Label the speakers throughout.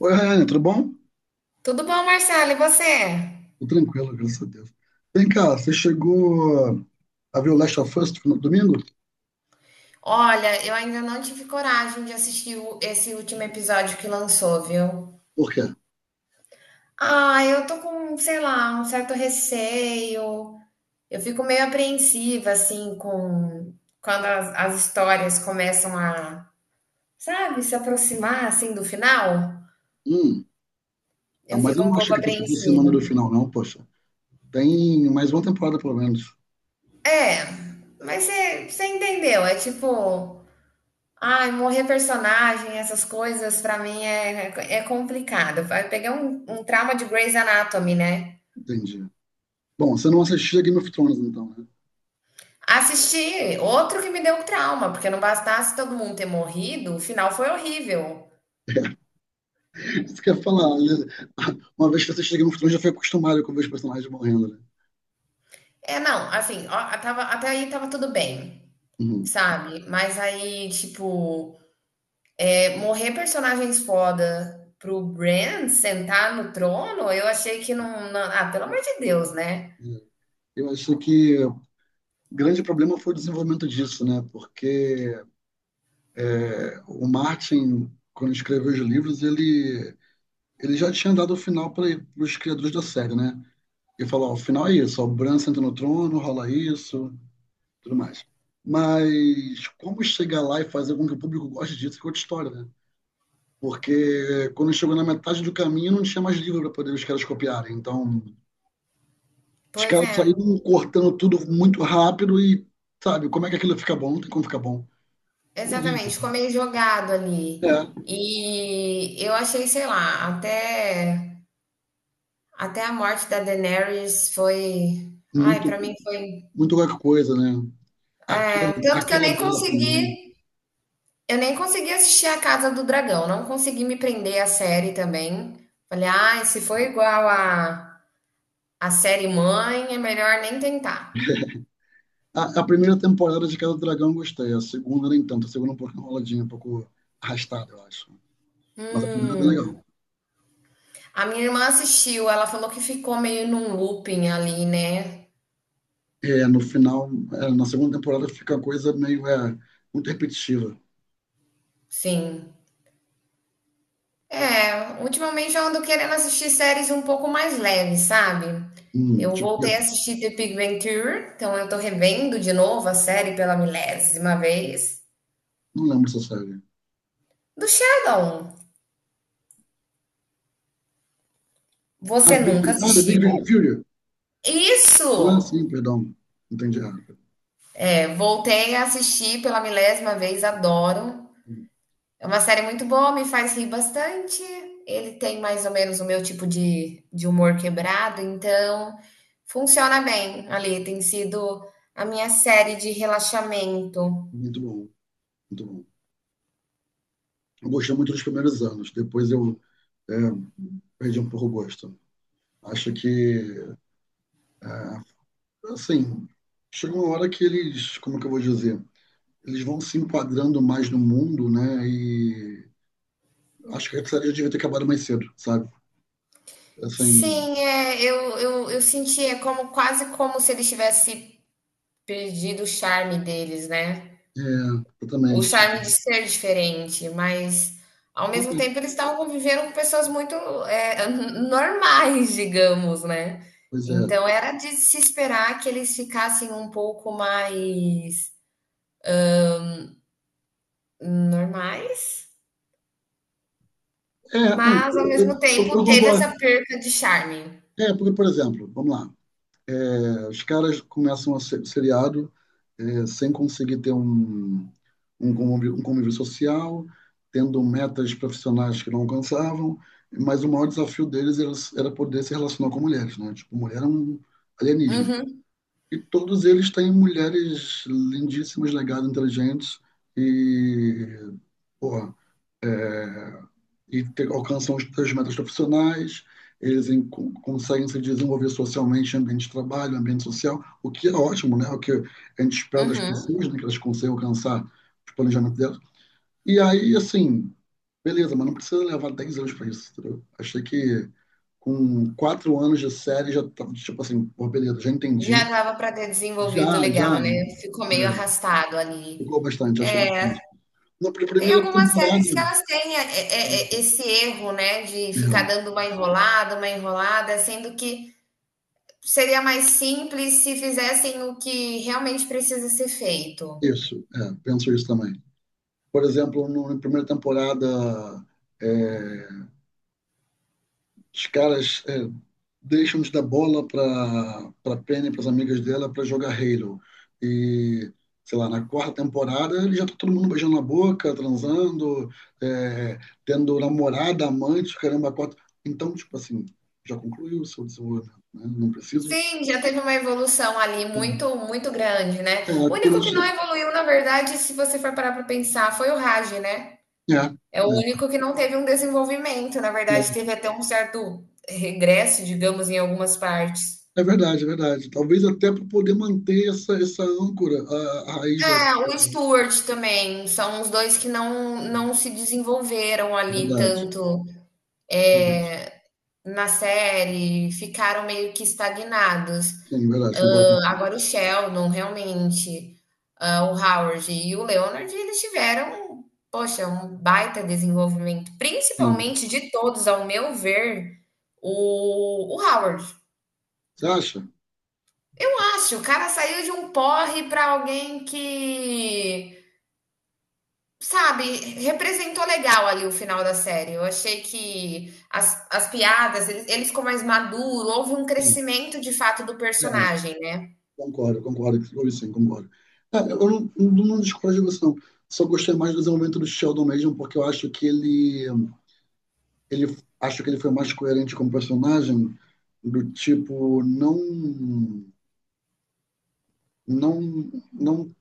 Speaker 1: Oi, Ryan, tudo bom?
Speaker 2: Tudo bom, Marcelo? E você?
Speaker 1: Tô tranquilo, graças a Deus. Vem cá, você chegou a ver o Last of Us no domingo?
Speaker 2: Olha, eu ainda não tive coragem de assistir esse último episódio que lançou, viu?
Speaker 1: Por quê?
Speaker 2: Ah, eu tô com, sei lá, um certo receio. Eu fico meio apreensiva, assim, com quando as histórias começam sabe, se aproximar, assim, do final.
Speaker 1: Hum, ah,
Speaker 2: Eu
Speaker 1: mas
Speaker 2: fico
Speaker 1: eu
Speaker 2: um
Speaker 1: não acho
Speaker 2: pouco
Speaker 1: que tá saindo semana
Speaker 2: apreensiva.
Speaker 1: do final, não, poxa. Tem mais uma temporada, pelo menos.
Speaker 2: É, mas você entendeu? É tipo. Ai, morrer personagem, essas coisas, pra mim é complicado. Eu peguei um trauma de Grey's Anatomy, né?
Speaker 1: Entendi. Bom, você não assistia Game of Thrones, então, né?
Speaker 2: Assisti outro que me deu um trauma, porque não bastasse todo mundo ter morrido, o final foi horrível.
Speaker 1: Isso quer falar, né? Uma vez que você assistiu Game of Thrones, já foi acostumado com ver os personagens morrendo, né?
Speaker 2: É, não, assim, ó, tava, até aí tava tudo bem,
Speaker 1: Uhum.
Speaker 2: sabe? Mas aí, tipo, morrer personagens foda pro Bran sentar no trono, eu achei que não, não. Ah, pelo amor de Deus, né?
Speaker 1: É, Eu acho que o grande problema foi o desenvolvimento disso, né? Porque o Martin, quando escreveu os livros, ele já tinha dado o final para os criadores da série, né? Ele falou, ó, o final é isso, ó, o Bran senta no trono, rola isso, tudo mais. Mas como chegar lá e fazer com que o público goste disso é outra história, né? Porque quando chegou na metade do caminho não tinha mais livro para poder os caras copiarem. Então, os
Speaker 2: Pois
Speaker 1: caras
Speaker 2: é.
Speaker 1: saíram cortando tudo muito rápido e, sabe, como é que aquilo fica bom? Não tem como ficar bom. Horrível.
Speaker 2: Exatamente, ficou meio jogado
Speaker 1: É,
Speaker 2: ali. E eu achei, sei lá, até a morte da Daenerys foi. Ai,
Speaker 1: muito,
Speaker 2: pra mim foi.
Speaker 1: muito qualquer coisa, né? Aquela,
Speaker 2: É, tanto que eu
Speaker 1: aquela
Speaker 2: nem
Speaker 1: dela também.
Speaker 2: consegui. Eu nem consegui assistir A Casa do Dragão, não consegui me prender à série também. Falei, ai, se for igual a série mãe, é melhor nem tentar.
Speaker 1: A primeira temporada de Casa do Dragão eu gostei, a segunda nem tanto, a segunda um pouco enroladinha, um pouco arrastada, eu acho. Mas a primeira é bem
Speaker 2: Hum.
Speaker 1: legal.
Speaker 2: A minha irmã assistiu, ela falou que ficou meio num looping ali, né?
Speaker 1: É, no final, é, na segunda temporada fica a coisa meio muito repetitiva.
Speaker 2: Sim. É, ultimamente eu ando querendo assistir séries um pouco mais leves, sabe? Eu
Speaker 1: Tipo,
Speaker 2: voltei a assistir The Big Bang Theory, então eu tô revendo de novo a série pela milésima vez.
Speaker 1: não lembro essa série.
Speaker 2: Do Sheldon, você nunca
Speaker 1: Ah, The Big Bang
Speaker 2: assistiu?
Speaker 1: Theory. Ah,
Speaker 2: Isso!
Speaker 1: sim, perdão. Entendi errado.
Speaker 2: É, voltei a assistir pela milésima vez, adoro.
Speaker 1: Hum,
Speaker 2: É uma série muito boa, me faz rir bastante. Ele tem mais ou menos o meu tipo de humor quebrado, então funciona bem ali. Tem sido a minha série de relaxamento.
Speaker 1: Muito bom, muito bom. Eu gostei muito dos primeiros anos. Depois eu é, perdi um pouco o gosto. Acho que, é, assim, chega uma hora que eles, como é que eu vou dizer? Eles vão se enquadrando mais no mundo, né? E acho que a série devia ter acabado mais cedo, sabe? Assim,
Speaker 2: Sim, é, eu sentia como quase como se ele tivesse perdido o charme deles, né?
Speaker 1: é,
Speaker 2: O
Speaker 1: exatamente.
Speaker 2: charme de
Speaker 1: Tipo,
Speaker 2: ser diferente, mas ao mesmo tempo eles estavam convivendo com pessoas muito, eh, normais, digamos, né.
Speaker 1: pois é.
Speaker 2: Então era de se esperar que eles ficassem um pouco mais normais,
Speaker 1: É, não,
Speaker 2: mas ao mesmo
Speaker 1: eu
Speaker 2: tempo teve
Speaker 1: concordo.
Speaker 2: essa perca de charme.
Speaker 1: É, porque, por exemplo, vamos lá, os caras começam a ser, o seriado sem conseguir ter um, um convívio social, tendo metas profissionais que não alcançavam, mas o maior desafio deles era, era poder se relacionar com mulheres, né? Tipo, mulher é um alienígena.
Speaker 2: Uhum,
Speaker 1: E todos eles têm mulheres lindíssimas, legais, inteligentes e, porra, e te- alcançam os seus metas profissionais. Eles em- con- conseguem se desenvolver socialmente em ambiente de trabalho, ambiente social, o que é ótimo, né? O que a gente espera das
Speaker 2: uhum.
Speaker 1: pessoas, né? Que elas consigam alcançar os planejamentos delas. E aí, assim, beleza, mas não precisa levar 10 anos para isso, entendeu? Achei que com 4 anos de série já tava, tipo assim, pô, beleza, já
Speaker 2: Já
Speaker 1: entendi.
Speaker 2: dava para ter desenvolvido
Speaker 1: Já, já,
Speaker 2: legal, né, ficou
Speaker 1: né,
Speaker 2: meio arrastado ali.
Speaker 1: ficou bastante, achei bastante. Na pr-
Speaker 2: Tem
Speaker 1: primeira
Speaker 2: algumas séries que
Speaker 1: temporada,
Speaker 2: elas têm é,
Speaker 1: é,
Speaker 2: esse erro, né, de ficar dando uma enrolada, sendo que seria mais simples se fizessem o que realmente precisa ser feito.
Speaker 1: é, isso, é, penso isso também. Por exemplo, no- na primeira temporada, é, os caras deixam de dar bola para Penny, para as amigas dela, para jogar Halo. E, sei lá, na quarta temporada, ele já tá todo mundo beijando na boca, transando, é, tendo namorada, amante, caramba, quatro. Então, tipo assim, já concluiu o seu desenvolvimento, né? Não preciso.
Speaker 2: Sim, já teve uma evolução ali
Speaker 1: É,
Speaker 2: muito, muito grande, né?
Speaker 1: é,
Speaker 2: O único que não
Speaker 1: começou,
Speaker 2: evoluiu, na verdade, se você for parar para pensar, foi o Raj, né?
Speaker 1: É,
Speaker 2: É o
Speaker 1: é,
Speaker 2: único que não teve um desenvolvimento, na
Speaker 1: é,
Speaker 2: verdade, teve até um certo regresso, digamos, em algumas partes.
Speaker 1: é verdade, é verdade. Talvez até para poder manter essa, essa âncora, a raiz da
Speaker 2: É, o Stuart também. São os dois que não, não se desenvolveram
Speaker 1: É
Speaker 2: ali
Speaker 1: verdade.
Speaker 2: tanto
Speaker 1: É verdade.
Speaker 2: na série, ficaram meio que estagnados.
Speaker 1: Sim, é verdade, concordo contigo.
Speaker 2: Agora o Sheldon, realmente, ah, o Howard e o Leonard, eles tiveram, poxa, um baita desenvolvimento.
Speaker 1: Sim.
Speaker 2: Principalmente de todos, ao meu ver, o Howard.
Speaker 1: Você acha?
Speaker 2: Acho, o cara saiu de um porre para alguém que sabe, representou legal ali o final da série. Eu achei que as piadas, ele ficou mais maduro, houve um
Speaker 1: Sim.
Speaker 2: crescimento de fato do
Speaker 1: É,
Speaker 2: personagem, né?
Speaker 1: concordo, concordo. Ou sim, concordo. É, eu não, não, não discordo de você, não. Só gostei mais do desenvolvimento do Sheldon mesmo, porque eu acho que ele, ele acho que ele foi mais coerente como personagem, do tipo, não, não, não,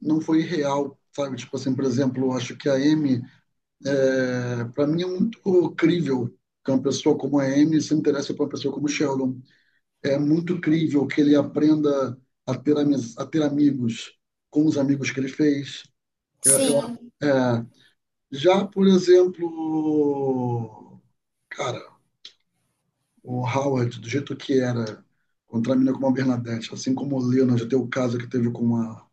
Speaker 1: não foi real, sabe? Tipo assim, por exemplo, eu acho que a Amy É, para mim é muito crível que uma pessoa como a Amy se interesse por uma pessoa como o Sheldon. É muito crível que ele aprenda a ter, amiz- a ter amigos com os amigos que ele fez. Eu- eu-
Speaker 2: Sim,
Speaker 1: é, já, por exemplo, cara, o Howard, do jeito que era, contra a menina como a Bernadette, assim como o Leonard, já teve o caso que teve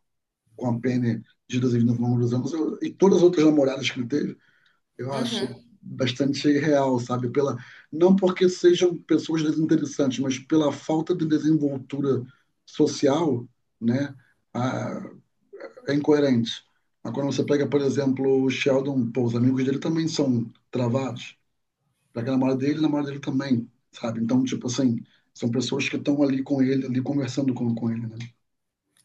Speaker 1: com a Penny de Deus ao longo dos anos, eu- e todas as outras namoradas que ele teve, eu acho
Speaker 2: uhum,
Speaker 1: bastante real, sabe? Pela, não porque sejam pessoas desinteressantes, mas pela falta de desenvoltura social, né? Ah, é incoerente. Mas quando você pega, por exemplo, o Sheldon, pô, os amigos dele também são travados. Pega a namorada dele também, sabe? Então, tipo assim, são pessoas que estão ali com ele, ali conversando com ele, né?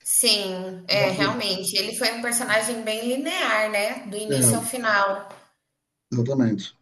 Speaker 2: sim, é, realmente. Ele foi um personagem bem linear, né? Do
Speaker 1: É,
Speaker 2: início ao
Speaker 1: é,
Speaker 2: final.
Speaker 1: exatamente.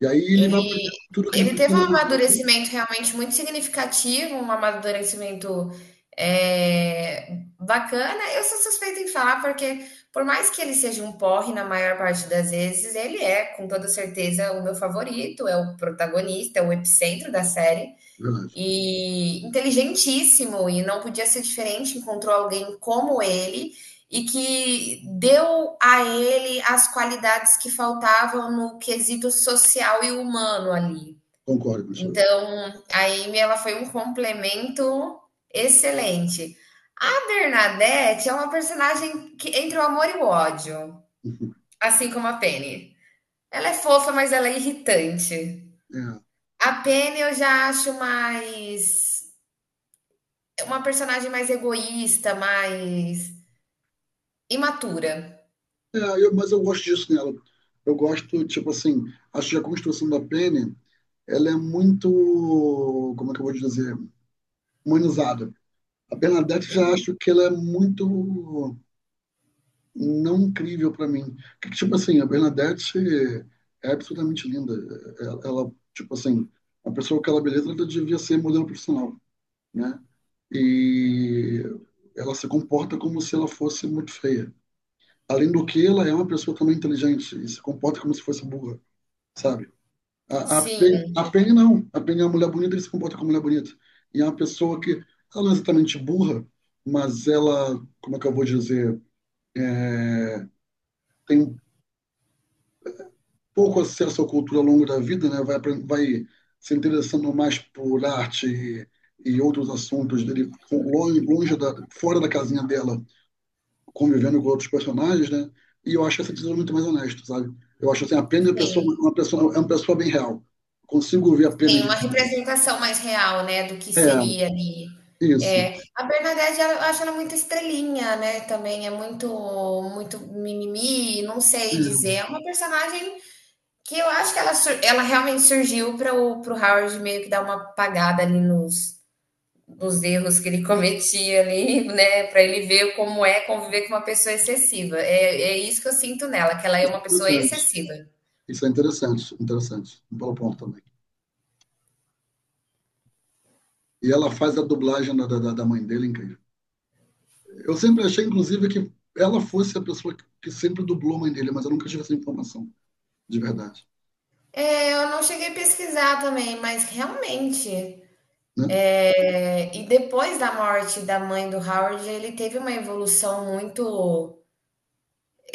Speaker 1: E aí ele vai
Speaker 2: Ele,
Speaker 1: aprender tudo o que ele
Speaker 2: ele teve um
Speaker 1: precisa na vida.
Speaker 2: amadurecimento realmente muito significativo, um amadurecimento bacana. Eu sou suspeita em falar, porque por mais que ele seja um porre na maior parte das vezes, ele é, com toda certeza, o meu favorito, é o protagonista, é o epicentro da série
Speaker 1: Verdade,
Speaker 2: e inteligentíssimo e não podia ser diferente, encontrou alguém como ele e que deu a ele as qualidades que faltavam no quesito social e humano ali.
Speaker 1: concordo com o senhor.
Speaker 2: Então, a Amy ela foi um complemento excelente. A Bernadette é uma personagem que entre o amor e o ódio, assim como a Penny. Ela é fofa, mas ela é irritante.
Speaker 1: É.
Speaker 2: A Penny eu já acho mais uma personagem mais egoísta, mais imatura.
Speaker 1: É, eu- mas eu gosto disso nela. Eu gosto, tipo assim, acho que a construção da Penny, ela é muito, como é que eu vou dizer, humanizada. A Bernadette já acho que ela é muito não incrível para mim. Que, tipo assim, a Bernadette é absolutamente linda. Ela, tipo assim, a pessoa com aquela beleza ela devia ser modelo profissional, né? E ela se comporta como se ela fosse muito feia. Além do que, ela é uma pessoa também inteligente e se comporta como se fosse burra. Sabe? Penny,
Speaker 2: Sim,
Speaker 1: a Penny não. A Penny é uma mulher bonita que se comporta como mulher bonita. E é uma pessoa que, ela não é exatamente burra, mas ela, como é que eu vou dizer, é, tem um pouco acesso à cultura ao longo da vida, né? Vai, apren- vai se interessando mais por arte e outros assuntos dele, longe, longe da, fora da casinha dela, convivendo com outros personagens, né? E eu acho essa decisão muito mais honesta, sabe? Eu acho assim, a Penny é
Speaker 2: sim,
Speaker 1: uma pessoa, é uma pessoa bem real. Consigo ver a Penny
Speaker 2: sim,
Speaker 1: de
Speaker 2: uma
Speaker 1: verdade.
Speaker 2: representação mais real, né, do que
Speaker 1: É,
Speaker 2: seria ali.
Speaker 1: isso.
Speaker 2: É, a Bernadette, ela- eu acho ela muito estrelinha, né, também é muito muito mimimi, não sei
Speaker 1: É,
Speaker 2: dizer. É uma personagem que eu acho que ela, sur- ela realmente surgiu para o pro Howard meio que dar uma apagada ali nos dos erros que ele cometia ali, né, para ele ver como é conviver com uma pessoa excessiva. É, é isso que eu sinto nela, que ela é
Speaker 1: isso é
Speaker 2: uma pessoa
Speaker 1: interessante.
Speaker 2: excessiva.
Speaker 1: Isso é interessante, interessante. Um bom ponto também. E ela faz a dublagem da, da, da mãe dele incrível. Eu sempre achei, inclusive, que ela fosse a pessoa que sempre dublou a mãe dele, mas eu nunca tive essa informação, de verdade.
Speaker 2: É, eu não cheguei a pesquisar também, mas realmente.
Speaker 1: Né?
Speaker 2: É, e depois da morte da mãe do Howard, ele teve uma evolução muito.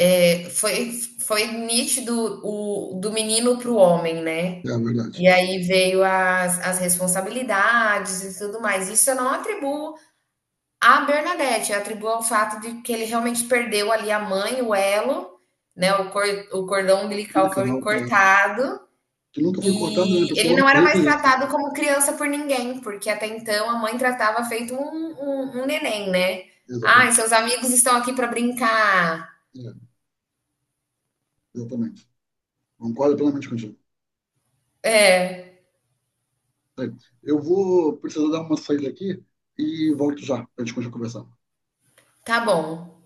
Speaker 2: é, foi, foi nítido o, do menino para o homem, né?
Speaker 1: É a verdade.
Speaker 2: E aí veio as responsabilidades e tudo mais. Isso eu não atribuo. A Bernadette atribui ao fato de que ele realmente perdeu ali a mãe, o elo, né? O, cor, o cordão umbilical foi
Speaker 1: Legal, é.
Speaker 2: cortado
Speaker 1: Que nunca foi cortado, né? A
Speaker 2: e ele
Speaker 1: pessoa ela
Speaker 2: não era
Speaker 1: morreu com
Speaker 2: mais
Speaker 1: isso.
Speaker 2: tratado
Speaker 1: Né?
Speaker 2: como criança por ninguém, porque até então a mãe tratava feito um neném, né? Ai,
Speaker 1: Exatamente.
Speaker 2: seus amigos estão aqui para brincar.
Speaker 1: É, exatamente. Concordo plenamente contigo.
Speaker 2: É,
Speaker 1: Bem, eu vou precisar dar uma saída aqui e volto já para a gente continuar conversando.
Speaker 2: tá bom.